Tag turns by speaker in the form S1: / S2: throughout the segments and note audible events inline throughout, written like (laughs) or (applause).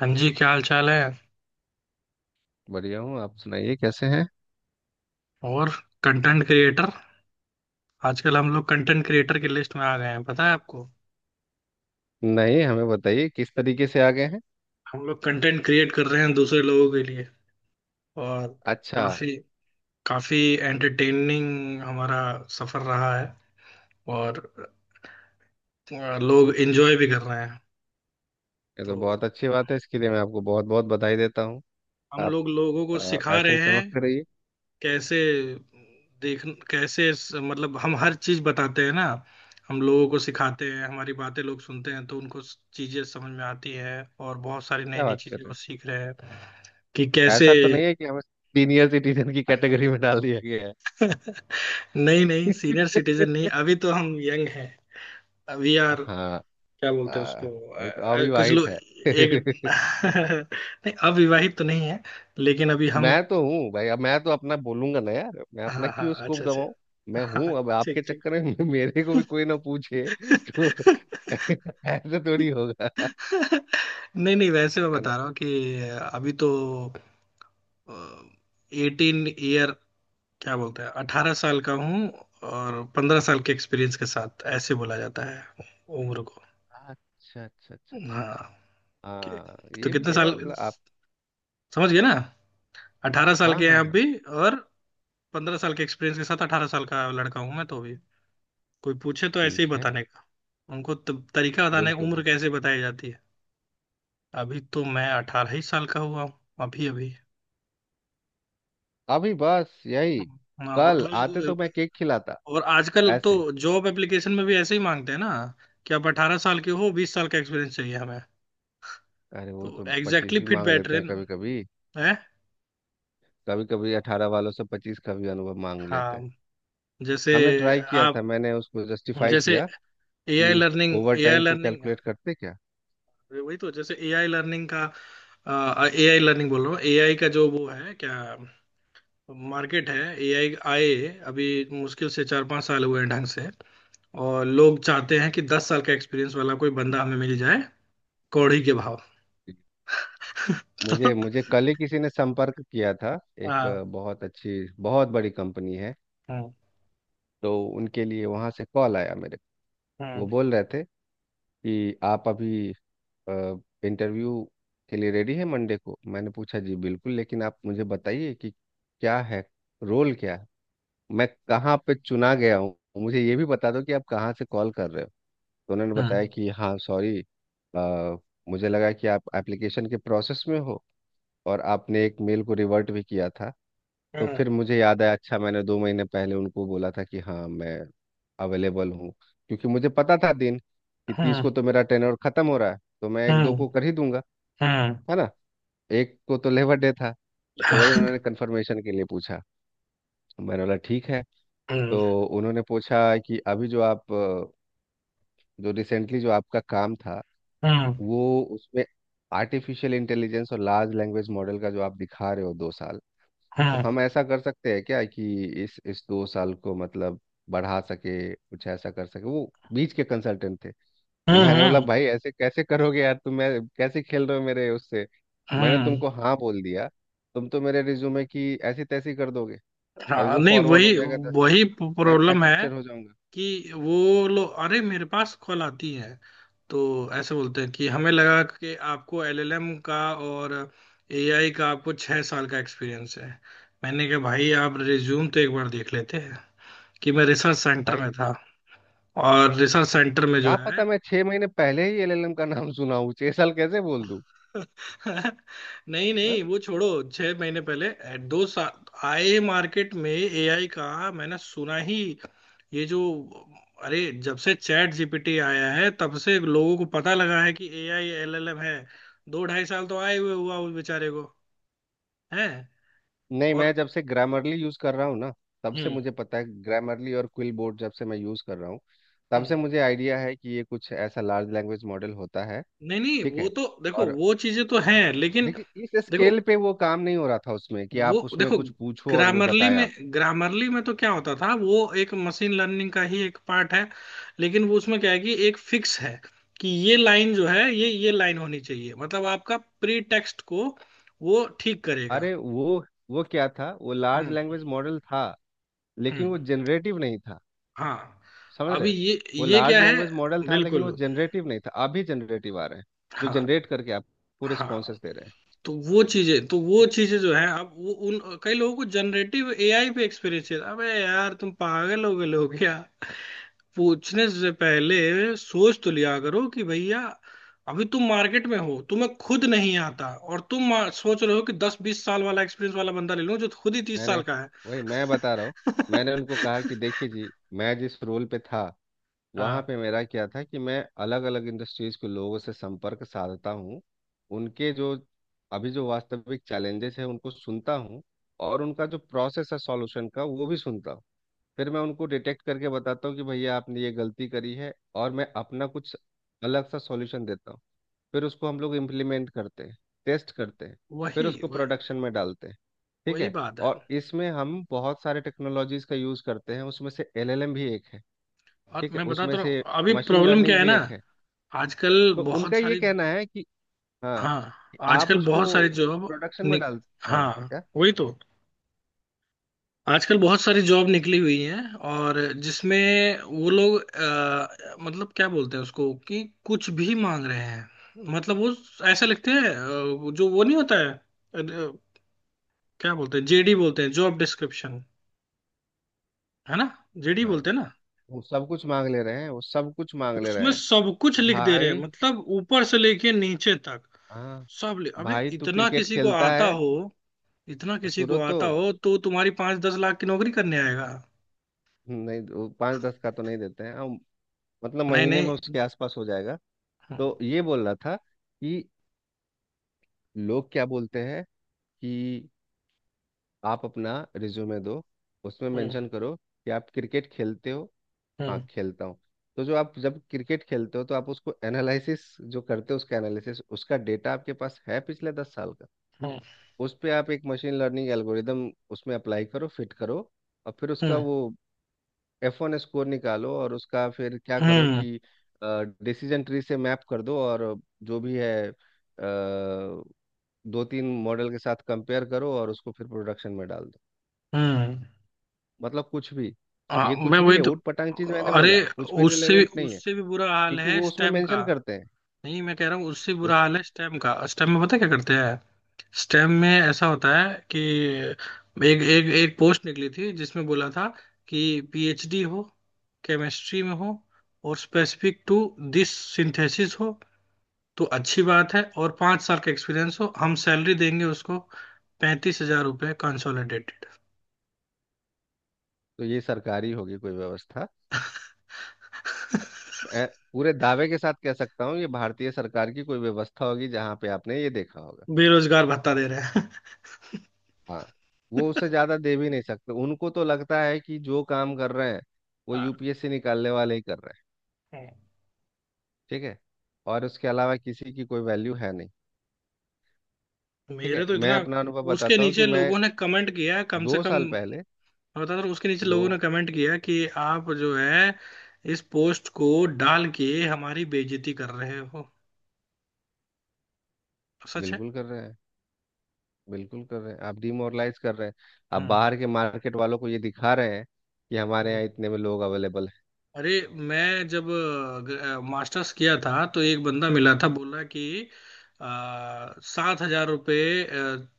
S1: हाँ जी, क्या हाल चाल है।
S2: बढ़िया हूँ। आप सुनाइए कैसे हैं।
S1: और कंटेंट क्रिएटर, आजकल हम लोग कंटेंट क्रिएटर की लिस्ट में आ गए हैं, पता है आपको।
S2: नहीं, हमें बताइए किस तरीके से आ गए हैं।
S1: हम लोग कंटेंट क्रिएट कर रहे हैं दूसरे लोगों के लिए। और
S2: अच्छा,
S1: काफी, काफी एंटरटेनिंग हमारा सफर रहा है। और लोग एंजॉय भी कर रहे हैं।
S2: ये
S1: तो
S2: तो बहुत अच्छी बात है। इसके लिए मैं आपको बहुत बहुत बधाई देता हूँ।
S1: हम
S2: आप
S1: लोग लोगों को सिखा
S2: ऐसे
S1: रहे
S2: ही
S1: हैं
S2: चमकते रहिए।
S1: कैसे। देख कैसे मतलब हम हर चीज बताते हैं ना। हम लोगों को सिखाते हैं, हमारी बातें लोग सुनते हैं तो उनको चीजें समझ में आती है। और बहुत सारी नई
S2: क्या
S1: नई
S2: बात कर
S1: चीजें वो
S2: रहे
S1: सीख रहे हैं कि
S2: हैं।
S1: कैसे।
S2: ऐसा तो नहीं है कि हमें सीनियर सिटीजन की कैटेगरी में डाल दिया गया है।
S1: नहीं नहीं, सीनियर सिटीजन नहीं, अभी तो हम यंग हैं। अभी यार
S2: हाँ।
S1: क्या
S2: आ,
S1: बोलते हैं उसको।
S2: अभी तो
S1: कुछ
S2: अविवाहित
S1: लोग
S2: है।
S1: एक।
S2: (laughs)
S1: (laughs) नहीं, अविवाहित तो नहीं है, लेकिन अभी हम।
S2: मैं तो हूँ भाई। अब मैं तो अपना बोलूंगा ना यार, मैं
S1: हाँ
S2: अपना
S1: हाँ
S2: क्यों
S1: हाँ, अच्छा
S2: स्कोप गवाऊं।
S1: अच्छा।
S2: मैं
S1: हाँ,
S2: हूँ अब
S1: ठीक
S2: आपके
S1: ठीक।
S2: चक्कर में। (laughs) मेरे को भी कोई ना पूछे। तो (laughs)
S1: (laughs)
S2: ऐसे थोड़ी होगा
S1: (laughs) नहीं नहीं, वैसे मैं
S2: है।
S1: बता रहा हूँ कि अभी तो एटीन ईयर, क्या बोलते हैं, 18 साल का हूँ। और 15 साल के एक्सपीरियंस के साथ ऐसे बोला जाता है उम्र को।
S2: अच्छा, अच्छा, अच्छा, अच्छा।
S1: हाँ। कि-
S2: हाँ,
S1: तो
S2: ये भी
S1: कितने
S2: है
S1: साल,
S2: मतलब आप।
S1: समझ गए ना, 18 साल
S2: हाँ,
S1: के हैं
S2: हाँ,
S1: आप
S2: हाँ।
S1: भी। और 15 साल के एक्सपीरियंस के साथ 18 साल का लड़का हूँ मैं तो भी। कोई पूछे तो ऐसे ही
S2: ठीक है।
S1: बताने का उनको, तब तरीका बताने
S2: बिल्कुल,
S1: उम्र
S2: बिल्कुल।
S1: कैसे बताई जाती है। अभी तो मैं 18 ही साल का हुआ हूँ, अभी अभी।
S2: अभी बस यही।
S1: हाँ, और
S2: कल आते तो मैं केक खिलाता।
S1: और आजकल तो
S2: ऐसे।
S1: जॉब एप्लीकेशन में भी ऐसे ही मांगते हैं ना कि आप 18 साल के हो, 20 साल का एक्सपीरियंस चाहिए हमें।
S2: अरे, वो
S1: तो
S2: तो 25
S1: एग्जैक्टली
S2: भी
S1: फिट
S2: मांग
S1: बैठ
S2: लेते
S1: रहे
S2: हैं
S1: ना
S2: कभी कभी।
S1: है।
S2: कभी कभी 18 वालों से 25 का भी अनुभव मांग लेते हैं।
S1: हाँ, जैसे
S2: हमने ट्राई किया
S1: आप
S2: था, मैंने उसको जस्टिफाई
S1: जैसे
S2: किया
S1: एआई
S2: कि
S1: लर्निंग
S2: ओवर
S1: एआई
S2: टाइम को
S1: लर्निंग
S2: कैलकुलेट करते क्या।
S1: वही तो, जैसे एआई लर्निंग का, एआई लर्निंग बोल रहा हूँ। एआई का जो वो है क्या, मार्केट है एआई, आए अभी मुश्किल से 4-5 साल हुए हैं ढंग से। और लोग चाहते हैं कि 10 साल का एक्सपीरियंस वाला कोई बंदा हमें मिल जाए, कौड़ी के भाव।
S2: मुझे मुझे
S1: (laughs)
S2: कल ही किसी ने संपर्क किया था। एक
S1: हाँ
S2: बहुत अच्छी, बहुत बड़ी कंपनी है।
S1: हाँ
S2: तो उनके लिए वहां से कॉल आया मेरे को।
S1: हाँ,
S2: वो बोल रहे थे कि आप अभी इंटरव्यू के लिए रेडी है मंडे को। मैंने पूछा जी बिल्कुल, लेकिन आप मुझे बताइए कि क्या है, रोल क्या है, मैं कहाँ पे चुना गया हूँ, मुझे ये भी बता दो कि आप कहाँ से कॉल कर रहे हो। तो उन्होंने
S1: हाँ
S2: बताया कि हाँ सॉरी, मुझे लगा कि आप एप्लीकेशन के प्रोसेस में हो और आपने एक मेल को रिवर्ट भी किया था। तो
S1: हाँ
S2: फिर मुझे याद आया, अच्छा, मैंने 2 महीने पहले उनको बोला था कि हाँ मैं अवेलेबल हूँ, क्योंकि मुझे पता था दिन, कि 30 को तो मेरा टेनर खत्म हो रहा है, तो मैं एक दो
S1: हाँ
S2: को कर ही दूंगा,
S1: हाँ
S2: है ना। एक को तो लेबर डे था, तो वही
S1: हाँ।
S2: उन्होंने कंफर्मेशन के लिए पूछा, तो मैंने बोला ठीक है। तो
S1: हम्म,
S2: उन्होंने पूछा कि अभी जो आप जो रिसेंटली जो आपका काम था,
S1: हम्म,
S2: वो उसमें आर्टिफिशियल इंटेलिजेंस और लार्ज लैंग्वेज मॉडल का जो आप दिखा रहे हो 2 साल, तो
S1: हम्म,
S2: हम ऐसा कर सकते हैं क्या कि इस 2 साल को मतलब बढ़ा सके, कुछ ऐसा कर सके। वो बीच के कंसल्टेंट थे। मैंने बोला, भाई ऐसे कैसे करोगे यार तुम, मैं कैसे खेल रहे हो मेरे उससे।
S1: हम्म,
S2: मैंने
S1: हम्म,
S2: तुमको हाँ बोल दिया, तुम तो मेरे रिज्यूमे की ऐसी तैसी कर दोगे और
S1: हाँ।
S2: वो
S1: नहीं
S2: फॉरवर्ड हो
S1: वही,
S2: जाएगा दस
S1: वही
S2: जगह मैं ब्लैक
S1: प्रॉब्लम है
S2: लिस्टेड हो जाऊंगा।
S1: कि वो लोग, अरे मेरे पास कॉल आती है तो ऐसे बोलते हैं कि हमें लगा कि आपको एलएलएम का और एआई का आपको 6 साल का एक्सपीरियंस है। मैंने कहा भाई आप रिज्यूम तो एक बार देख लेते हैं कि मैं रिसर्च सेंटर
S2: भाई
S1: में था, और रिसर्च सेंटर में जो
S2: क्या
S1: है।
S2: पता, मैं 6 महीने पहले ही एलएलएम का नाम सुना हूँ, 6 साल कैसे बोल दूँ।
S1: (laughs) नहीं
S2: हाँ?
S1: नहीं, वो छोड़ो। 6 महीने पहले 2 साल आए मार्केट में एआई का, मैंने सुना ही। ये जो, अरे जब से चैट जीपीटी आया है तब से लोगों को पता लगा है कि एआई एलएलएम है। 2-2.5 साल तो आए हुए हुआ उस बेचारे को है।
S2: नहीं, मैं
S1: और
S2: जब से ग्रामरली यूज़ कर रहा हूँ ना, तब से
S1: हम्म।
S2: मुझे पता है। ग्रामरली और क्विल बोर्ड जब से मैं यूज़ कर रहा हूँ तब
S1: हम्म।
S2: से मुझे आइडिया है कि ये कुछ ऐसा लार्ज लैंग्वेज मॉडल होता है।
S1: नहीं नहीं,
S2: ठीक
S1: वो
S2: है।
S1: तो देखो,
S2: और
S1: वो चीजें तो
S2: हाँ,
S1: हैं, लेकिन
S2: लेकिन इस
S1: देखो,
S2: स्केल पे वो काम नहीं हो रहा था उसमें, कि
S1: वो
S2: आप उसमें
S1: देखो
S2: कुछ पूछो और वो
S1: ग्रामरली
S2: बताए
S1: में।
S2: आप।
S1: ग्रामरली में तो क्या होता था, वो एक मशीन लर्निंग का ही एक पार्ट है, लेकिन वो उसमें क्या है कि एक फिक्स है कि ये लाइन जो है, ये लाइन होनी चाहिए, मतलब आपका प्री टेक्स्ट को वो ठीक करेगा।
S2: अरे वो क्या था, वो लार्ज
S1: हम्म।
S2: लैंग्वेज मॉडल था लेकिन
S1: हम्म,
S2: वो जनरेटिव नहीं था,
S1: हाँ।
S2: समझ
S1: अभी
S2: रहे। वो
S1: ये
S2: लार्ज
S1: क्या है
S2: लैंग्वेज मॉडल था लेकिन
S1: बिल्कुल।
S2: वो जनरेटिव नहीं था। अभी जनरेटिव आ रहे हैं जो
S1: हाँ।
S2: जनरेट करके आपको
S1: हाँ।
S2: रिस्पॉन्सेस दे रहे हैं।
S1: तो वो चीजें तो, वो
S2: ठीक है?
S1: चीजें जो है अब वो, उन कई लोगों को जनरेटिव एआई पे एक्सपीरियंस है। अबे यार तुम पागल हो गए हो क्या, पूछने से पहले सोच तो लिया करो कि भैया अभी तुम मार्केट में हो, तुम्हें खुद नहीं आता। और तुम सोच रहे हो कि 10-20 साल वाला एक्सपीरियंस वाला बंदा ले लूं, जो खुद ही 30 साल
S2: मैंने,
S1: का है।
S2: वही मैं बता रहा हूँ, मैंने उनको कहा
S1: (laughs)
S2: कि देखिए जी, मैं जिस रोल पे था वहाँ
S1: हाँ,
S2: पे मेरा क्या था कि मैं अलग अलग इंडस्ट्रीज के लोगों से संपर्क साधता हूँ। उनके जो, अभी जो वास्तविक चैलेंजेस हैं उनको सुनता हूँ, और उनका जो प्रोसेस है सॉल्यूशन का वो भी सुनता हूँ। फिर मैं उनको डिटेक्ट करके बताता हूँ कि भैया आपने ये गलती करी है और मैं अपना कुछ अलग सा सॉल्यूशन देता हूँ। फिर उसको हम लोग इम्प्लीमेंट करते हैं, टेस्ट करते हैं, फिर
S1: वही,
S2: उसको
S1: वही,
S2: प्रोडक्शन में डालते हैं, ठीक
S1: वही
S2: है।
S1: बात है।
S2: और इसमें हम बहुत सारे टेक्नोलॉजीज का यूज़ करते हैं, उसमें से एलएलएम भी एक है,
S1: और
S2: ठीक है,
S1: मैं बताता
S2: उसमें
S1: रहा हूँ,
S2: से
S1: अभी
S2: मशीन
S1: प्रॉब्लम क्या
S2: लर्निंग
S1: है
S2: भी
S1: ना,
S2: एक है।
S1: आजकल
S2: तो उनका
S1: बहुत
S2: ये
S1: सारी,
S2: कहना है कि हाँ
S1: हाँ,
S2: कि आप
S1: आजकल
S2: उसको
S1: बहुत सारी जॉब
S2: प्रोडक्शन में
S1: नि-
S2: डाल। हाँ,
S1: हाँ
S2: क्या,
S1: वही तो, आजकल बहुत सारी जॉब निकली हुई हैं। और जिसमें वो लोग मतलब क्या बोलते हैं उसको, कि कुछ भी मांग रहे हैं, मतलब वो ऐसा लिखते हैं जो वो नहीं होता है। क्या बोलते हैं, जेडी बोलते हैं, जॉब डिस्क्रिप्शन, है ना। जेडी
S2: हाँ।
S1: बोलते हैं ना।
S2: वो सब कुछ मांग ले रहे हैं, वो सब कुछ मांग ले रहे
S1: उसमें
S2: हैं,
S1: सब कुछ
S2: कि
S1: लिख दे रहे हैं,
S2: भाई,
S1: मतलब ऊपर से लेके नीचे तक,
S2: हाँ।
S1: सब लिख, अबे
S2: भाई तू
S1: इतना
S2: क्रिकेट
S1: किसी को
S2: खेलता
S1: आता
S2: है
S1: हो, इतना किसी
S2: शुरू
S1: को
S2: तो।
S1: आता हो तो तुम्हारी पांच दस लाख की नौकरी करने आएगा।
S2: नहीं, वो पाँच दस का तो नहीं देते हैं हम, मतलब
S1: नहीं
S2: महीने में
S1: नहीं।
S2: उसके आसपास हो जाएगा।
S1: हम्म,
S2: तो ये बोल रहा था कि लोग क्या बोलते हैं कि आप अपना रिज्यूमे दो, उसमें
S1: हम्म,
S2: मेंशन करो कि आप क्रिकेट खेलते हो। हाँ,
S1: हम्म,
S2: खेलता हूँ। तो जो आप जब क्रिकेट खेलते हो तो आप उसको एनालिसिस जो करते हो, उसका एनालिसिस, उसका डेटा आपके पास है पिछले 10 साल का।
S1: हम्म।
S2: उस पे आप एक मशीन लर्निंग एल्गोरिदम उसमें अप्लाई करो, फिट करो, और फिर उसका
S1: हम्म,
S2: वो F1 स्कोर निकालो, और उसका फिर क्या करो
S1: हम्म,
S2: कि डिसीजन ट्री से मैप कर दो, और जो भी है दो तीन मॉडल के साथ कंपेयर करो, और उसको फिर प्रोडक्शन में डाल दो।
S1: हम्म।
S2: मतलब कुछ भी।
S1: हाँ,
S2: ये
S1: मैं
S2: कुछ भी
S1: वही
S2: है,
S1: तो।
S2: ऊट पटांग चीज। मैंने बोला,
S1: अरे
S2: कुछ भी
S1: उससे भी,
S2: रिलेवेंट नहीं है,
S1: उससे भी बुरा हाल
S2: क्योंकि
S1: है
S2: वो उसमें
S1: स्टेम का।
S2: मेंशन करते हैं
S1: नहीं मैं कह रहा हूँ, उससे बुरा
S2: उस।
S1: हाल है स्टेम का, स्टेम में पता है क्या करते हैं। स्टेम में ऐसा होता है कि एक एक एक पोस्ट निकली थी जिसमें बोला था कि पीएचडी हो, केमिस्ट्री में हो, और स्पेसिफिक टू दिस सिंथेसिस हो तो अच्छी बात है, और 5 साल का एक्सपीरियंस हो, हम सैलरी देंगे उसको ₹35,000 कंसोलिडेटेड।
S2: तो ये सरकारी होगी कोई व्यवस्था, मैं पूरे दावे के साथ कह सकता हूँ ये भारतीय सरकार की कोई व्यवस्था होगी जहाँ पे आपने ये देखा होगा।
S1: बेरोजगार भत्ता दे रहे हैं।
S2: हाँ, वो उससे ज्यादा दे भी नहीं सकते, उनको तो लगता है कि जो काम कर रहे हैं वो
S1: हाँ,
S2: यूपीएससी निकालने वाले ही कर रहे हैं।
S1: है।
S2: ठीक है, और उसके अलावा किसी की कोई वैल्यू है नहीं। ठीक
S1: मेरे
S2: है,
S1: तो
S2: मैं
S1: इतना,
S2: अपना अनुभव
S1: उसके
S2: बताता हूँ कि
S1: नीचे
S2: मैं
S1: लोगों ने कमेंट किया है, कम से
S2: दो
S1: कम
S2: साल पहले
S1: मैं बता रहा हूँ, उसके नीचे
S2: दो,
S1: लोगों ने कमेंट किया है कि आप जो है इस पोस्ट को डाल के हमारी बेइज्जती कर रहे हो। सच है।
S2: बिल्कुल कर रहे हैं, बिल्कुल कर रहे हैं, आप डिमोरलाइज कर रहे हैं। आप
S1: हम्म।
S2: बाहर के मार्केट वालों को ये दिखा रहे हैं कि हमारे यहाँ इतने में लोग अवेलेबल है।
S1: अरे मैं जब मास्टर्स किया था तो एक बंदा मिला था बोला कि आ, ₹7,000,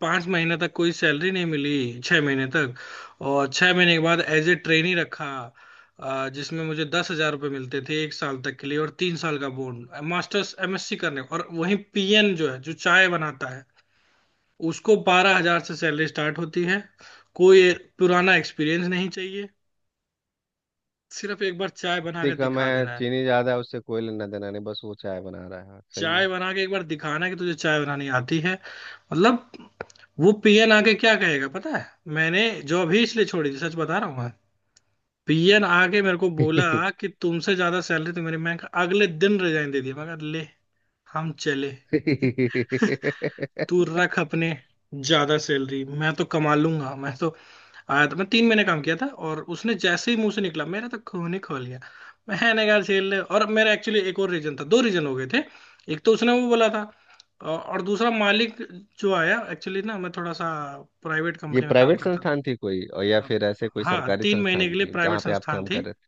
S1: 5 महीने तक कोई सैलरी नहीं मिली, 6 महीने तक। और 6 महीने के बाद एज ए ट्रेनी रखा, जिसमें मुझे ₹10,000 मिलते थे एक साल तक के लिए, और 3 साल का बोन। मास्टर्स एमएससी करने, और वहीं पीएन जो है, जो चाय बनाता है, उसको 12,000 से सैलरी स्टार्ट होती है। कोई पुराना एक्सपीरियंस नहीं चाहिए, सिर्फ एक बार चाय बना
S2: इतनी
S1: कर
S2: कम
S1: दिखा
S2: है,
S1: देना।
S2: चीनी ज्यादा है उससे कोई लेना देना नहीं, बस वो चाय बना रहा है। हाँ, सही
S1: चाय बना के एक बार दिखाना कि तुझे चाय बनानी आती है, मतलब। वो पीएन आके क्या कहेगा पता है। मैंने जॉब ही इसलिए छोड़ी थी, सच बता रहा हूँ मैं। पीएन आके मेरे को बोला कि तुमसे ज्यादा सैलरी तो मेरी। मैं अगले दिन रिजाइन दे दिया, मैं कहा, ले, हम चले।
S2: है।
S1: (laughs) तू
S2: (laughs)
S1: रख अपने, ज्यादा सैलरी मैं तो कमा लूंगा। मैं तो आया था, मैं 3 महीने काम किया था, और उसने जैसे ही मुंह से निकला मेरा तो खून ही खोल गया। मैंने कहा झेल ले। और मेरा एक्चुअली एक और रीजन था, दो रीजन हो गए थे। एक तो उसने वो बोला था, और दूसरा मालिक जो आया, एक्चुअली ना मैं थोड़ा सा प्राइवेट
S2: ये
S1: कंपनी में काम
S2: प्राइवेट
S1: करता
S2: संस्थान थी कोई, और या
S1: था।
S2: फिर ऐसे कोई
S1: हाँ
S2: सरकारी
S1: 3 महीने के
S2: संस्थान
S1: लिए
S2: थी
S1: प्राइवेट
S2: जहाँ पे आप
S1: संस्थान
S2: काम कर
S1: थी,
S2: रहे थे?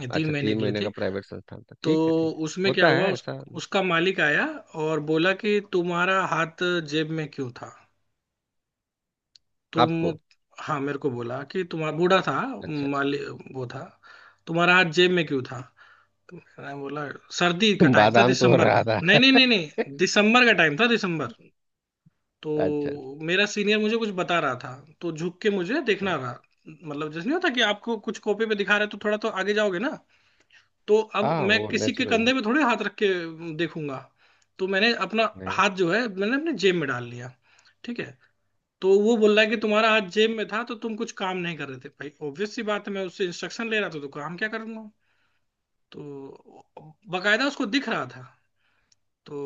S1: ये तीन
S2: अच्छा,
S1: महीने
S2: तीन
S1: के लिए
S2: महीने
S1: थी।
S2: का प्राइवेट संस्थान था।
S1: तो
S2: ठीक है, ठीक है,
S1: उसमें क्या
S2: होता
S1: हुआ
S2: है ऐसा।
S1: उसका मालिक आया और बोला कि तुम्हारा हाथ जेब में क्यों था। तुम,
S2: आपको
S1: हाँ मेरे को बोला कि तुम्हारा बूढ़ा था
S2: अच्छा, अच्छा।
S1: माली वो था, तुम्हारा हाथ जेब में क्यों था। तो मैंने बोला सर्दी का
S2: (laughs)
S1: टाइम था,
S2: बादाम तो हो
S1: दिसंबर का।
S2: रहा
S1: नहीं
S2: था।
S1: नहीं नहीं
S2: (laughs)
S1: नहीं, दिसंबर का टाइम था, दिसंबर। तो
S2: अच्छा, अच्छा।
S1: मेरा सीनियर मुझे कुछ बता रहा था तो झुक के मुझे देखना रहा, मतलब जैसे नहीं होता कि आपको कुछ कॉपी पे दिखा रहे तो थोड़ा तो आगे जाओगे ना। तो अब
S2: हाँ,
S1: मैं
S2: वो
S1: किसी के
S2: नेचुरल है।
S1: कंधे पे थोड़े हाथ रख के देखूंगा। तो मैंने अपना
S2: नहीं,
S1: हाथ जो है, मैंने अपने जेब में डाल लिया। ठीक है। तो वो बोल रहा है कि तुम्हारा हाथ जेब में था तो तुम कुछ काम नहीं कर रहे थे। भाई ऑब्वियस सी बात है, मैं उससे इंस्ट्रक्शन ले रहा था तो काम क्या करूंगा। तो बकायदा उसको दिख रहा था। तो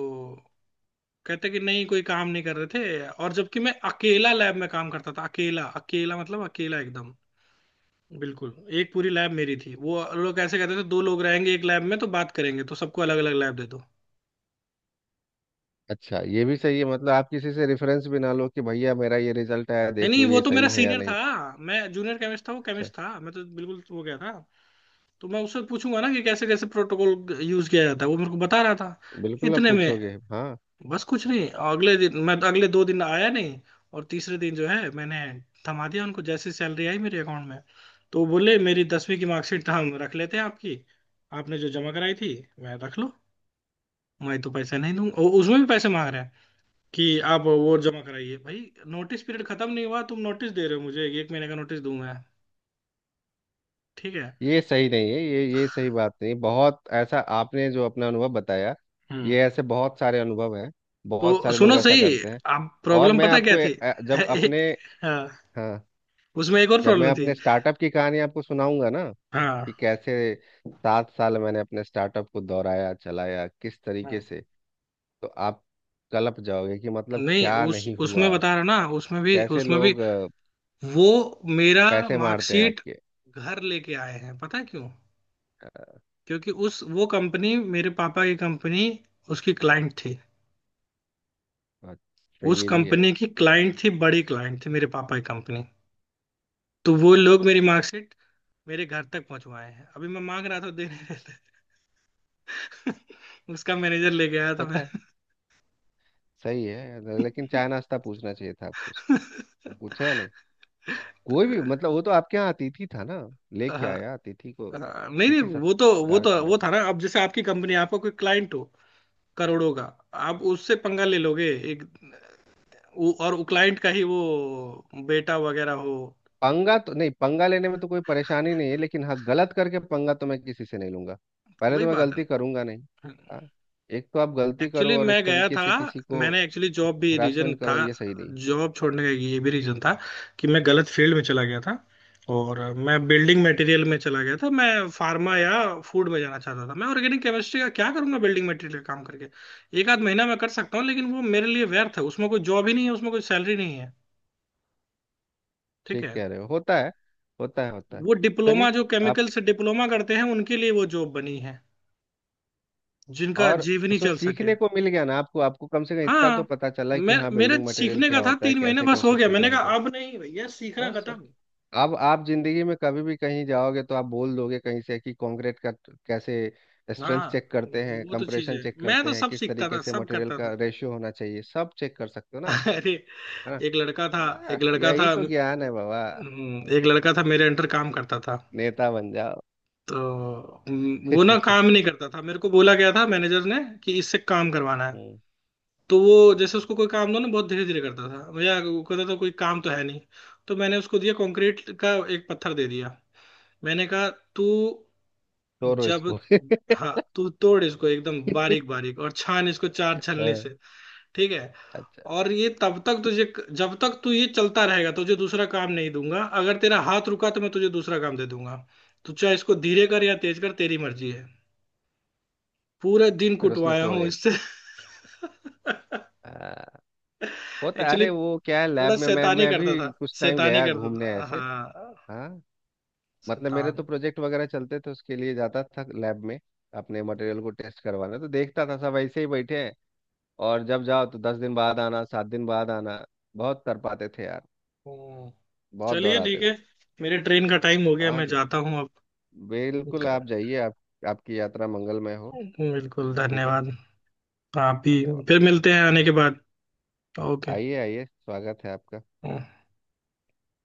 S1: कहते कि नहीं कोई काम नहीं कर रहे थे, और जबकि मैं अकेला लैब में काम करता था, अकेला अकेला मतलब, अकेला एकदम बिल्कुल। एक पूरी लैब मेरी थी। वो लोग ऐसे कहते थे, दो लोग रहेंगे एक लैब में तो बात करेंगे, तो सबको अलग अलग लैब दे दो।
S2: अच्छा, ये भी सही है मतलब, आप किसी से रेफरेंस भी ना लो कि भैया मेरा ये रिजल्ट आया,
S1: नहीं
S2: देख
S1: नहीं,
S2: लो
S1: वो
S2: ये
S1: तो
S2: सही
S1: मेरा
S2: है या
S1: सीनियर था,
S2: नहीं।
S1: मैं जूनियर केमिस्ट था, वो
S2: अच्छा,
S1: केमिस्ट था, मैं तो बिल्कुल वो गया था। तो मैं उससे पूछूंगा ना कि कैसे कैसे प्रोटोकॉल यूज किया जाता है, वो मेरे को बता रहा था।
S2: बिल्कुल आप
S1: इतने में
S2: पूछोगे हाँ।
S1: बस कुछ नहीं, अगले दिन मैं, अगले 2 दिन आया नहीं। और तीसरे दिन जो है, मैंने थमा दिया उनको जैसे सैलरी आई मेरे अकाउंट में। तो वो बोले मेरी 10वीं की मार्कशीट हम रख लेते हैं आपकी, आपने जो जमा कराई थी। मैं, रख लो, मैं तो पैसे नहीं दूंगा। और उसमें भी पैसे मांग रहे हैं कि आप वो जमा कराइए भाई। नोटिस पीरियड खत्म नहीं हुआ, तुम नोटिस दे रहे हो मुझे, एक महीने का नोटिस दूंगा। ठीक है।
S2: ये सही नहीं है, ये सही बात नहीं, बहुत ऐसा आपने जो अपना अनुभव बताया।
S1: हम्म।
S2: ये ऐसे बहुत सारे अनुभव हैं,
S1: तो
S2: बहुत सारे लोग
S1: सुनो
S2: ऐसा
S1: सही,
S2: करते हैं।
S1: आप
S2: और
S1: प्रॉब्लम
S2: मैं
S1: पता क्या
S2: आपको
S1: थी।
S2: जब
S1: (laughs)
S2: अपने,
S1: हाँ,
S2: हाँ,
S1: उसमें एक और
S2: जब मैं
S1: प्रॉब्लम थी।
S2: अपने स्टार्टअप की कहानी आपको सुनाऊंगा ना, कि
S1: हाँ
S2: कैसे 7 साल मैंने अपने स्टार्टअप को दोहराया चलाया किस तरीके
S1: हाँ,
S2: से, तो आप कलप जाओगे कि मतलब
S1: नहीं
S2: क्या
S1: उस
S2: नहीं
S1: उसमें
S2: हुआ,
S1: बता रहा ना,
S2: कैसे
S1: उसमें भी,
S2: लोग
S1: वो मेरा
S2: पैसे मारते हैं
S1: मार्कशीट
S2: आपके।
S1: घर लेके आए हैं पता है क्यों।
S2: अ,
S1: क्योंकि उस, वो कंपनी मेरे पापा की कंपनी उसकी क्लाइंट थी,
S2: अच्छा,
S1: उस
S2: ये भी है,
S1: कंपनी की क्लाइंट थी, बड़ी क्लाइंट थी मेरे पापा की कंपनी। तो वो लोग मेरी मार्कशीट मेरे घर तक पहुंचवाए हैं, अभी मैं मांग रहा था देने। (laughs) उसका मैनेजर लेके आया
S2: होता
S1: था।
S2: है। सही है लेकिन चाय नाश्ता पूछना चाहिए था आपको,
S1: मैं
S2: पूछे या नहीं, कोई भी मतलब वो तो आपके यहाँ अतिथि था ना,
S1: (laughs)
S2: लेके
S1: अ,
S2: आया अतिथि को,
S1: नहीं नहीं,
S2: अतिथि
S1: वो तो,
S2: सत्कार करना
S1: वो था
S2: चाहिए।
S1: ना। अब जैसे आपकी कंपनी, आपका कोई क्लाइंट हो करोड़ों का, आप उससे पंगा ले लोगे। एक और वो क्लाइंट का ही वो बेटा वगैरह हो।
S2: पंगा तो नहीं, पंगा लेने में तो कोई परेशानी नहीं है, लेकिन हाँ गलत करके पंगा तो मैं किसी से नहीं लूंगा। पहले
S1: वही
S2: तो मैं
S1: बात
S2: गलती
S1: है।
S2: करूंगा नहीं। हाँ। एक तो आप गलती
S1: एक्चुअली
S2: करो और
S1: मैं
S2: इस
S1: गया
S2: तरीके
S1: था,
S2: से किसी को
S1: मैंने एक्चुअली जॉब भी रीजन
S2: हरासमेंट
S1: था,
S2: करो, ये सही नहीं।
S1: जॉब छोड़ने का ये भी रीजन था कि मैं गलत फील्ड में चला गया था। और मैं बिल्डिंग मटेरियल में चला गया था, मैं फार्मा या फूड में जाना चाहता था। मैं ऑर्गेनिक केमिस्ट्री का क्या करूंगा बिल्डिंग मटेरियल काम करके। एक आध महीना मैं कर सकता हूँ, लेकिन वो मेरे लिए व्यर्थ है, उसमें कोई जॉब ही नहीं है, उसमें कोई सैलरी नहीं है। ठीक
S2: ठीक
S1: है।
S2: कह रहे हो, होता है, होता है, होता है।
S1: वो डिप्लोमा
S2: चलिए,
S1: जो
S2: आप।
S1: केमिकल से डिप्लोमा करते हैं उनके लिए वो जॉब बनी है, जिनका
S2: और
S1: जीवनी
S2: उसमें
S1: चल सके।
S2: सीखने को मिल गया ना आपको आपको कम से कम इतना तो
S1: हाँ,
S2: पता चला कि
S1: मैं,
S2: हाँ
S1: मेरे
S2: बिल्डिंग मटेरियल
S1: सीखने का
S2: क्या
S1: था,
S2: होता है,
S1: 3 महीने
S2: कैसे
S1: बस हो गया,
S2: कंस्ट्रक्शन
S1: मैंने
S2: काम
S1: कहा
S2: करता
S1: अब नहीं भैया,
S2: है,
S1: सीखना
S2: बस और
S1: खत्म।
S2: क्या। अब आप जिंदगी में कभी भी कहीं जाओगे तो आप बोल दोगे कहीं से कि कंक्रीट का कैसे स्ट्रेंथ
S1: हाँ,
S2: चेक करते हैं,
S1: वो तो चीज है,
S2: कंप्रेशन चेक
S1: मैं
S2: करते
S1: तो
S2: हैं,
S1: सब
S2: किस
S1: सीखता
S2: तरीके
S1: था,
S2: से
S1: सब
S2: मटेरियल
S1: करता
S2: का
S1: था।
S2: रेशियो होना चाहिए, सब चेक कर सकते हो ना आप,
S1: (laughs) अरे,
S2: है ना।
S1: एक लड़का था एक
S2: बस
S1: लड़का
S2: यही
S1: था
S2: तो ज्ञान है बाबा,
S1: एक लड़का था मेरे अंडर काम करता था।
S2: नेता बन जाओ।
S1: तो वो ना
S2: (laughs) हम्म,
S1: काम नहीं करता था, मेरे को बोला गया था मैनेजर ने कि इससे काम करवाना है। तो वो, जैसे उसको कोई काम दो ना बहुत धीरे धीरे करता था, भैया वो कहता था कोई काम तो है नहीं। तो मैंने उसको दिया, कंक्रीट का एक पत्थर दे दिया। मैंने कहा तू,
S2: तोड़ो
S1: जब
S2: इसको। (laughs)
S1: हाँ तू तोड़ इसको एकदम बारीक बारीक, और छान इसको चार छलनी से।
S2: हाँ,
S1: ठीक है।
S2: अच्छा।
S1: और ये तब तक तुझे, जब तक तू ये चलता रहेगा तुझे दूसरा काम नहीं दूंगा, अगर तेरा हाथ रुका तो मैं तुझे दूसरा काम दे दूंगा। तू चाहे इसको धीरे कर या तेज कर, तेरी मर्जी है। पूरा दिन
S2: फिर उसमें
S1: कुटवाया हूँ
S2: तोड़े।
S1: इससे। (laughs)
S2: हाँ। होता है।
S1: एक्चुअली,
S2: अरे वो क्या है, लैब
S1: थोड़ा
S2: में मैं
S1: शैतानी
S2: मैं भी
S1: करता था,
S2: कुछ टाइम
S1: शैतानी
S2: गया
S1: करता
S2: घूमने
S1: था,
S2: ऐसे।
S1: हाँ,
S2: हाँ, मतलब मेरे तो
S1: शैतान।
S2: प्रोजेक्ट वगैरह चलते थे, उसके लिए जाता था लैब में, अपने मटेरियल को टेस्ट करवाना, तो देखता था सब ऐसे ही बैठे हैं। और जब जाओ तो 10 दिन बाद आना, 7 दिन बाद आना। बहुत कर पाते थे यार,
S1: हम्म।
S2: बहुत
S1: चलिए
S2: दोहराते
S1: ठीक है,
S2: थे।
S1: मेरे ट्रेन का टाइम हो गया,
S2: हाँ
S1: मैं
S2: जी,
S1: जाता हूँ।
S2: बिल्कुल
S1: अब,
S2: आप जाइए। आप, आपकी यात्रा मंगलमय हो।
S1: बिल्कुल
S2: ठीक है,
S1: धन्यवाद। आप भी,
S2: धन्यवाद।
S1: फिर मिलते हैं आने के बाद। ओके।
S2: आइए, आइए, स्वागत है आपका।
S1: हम्म।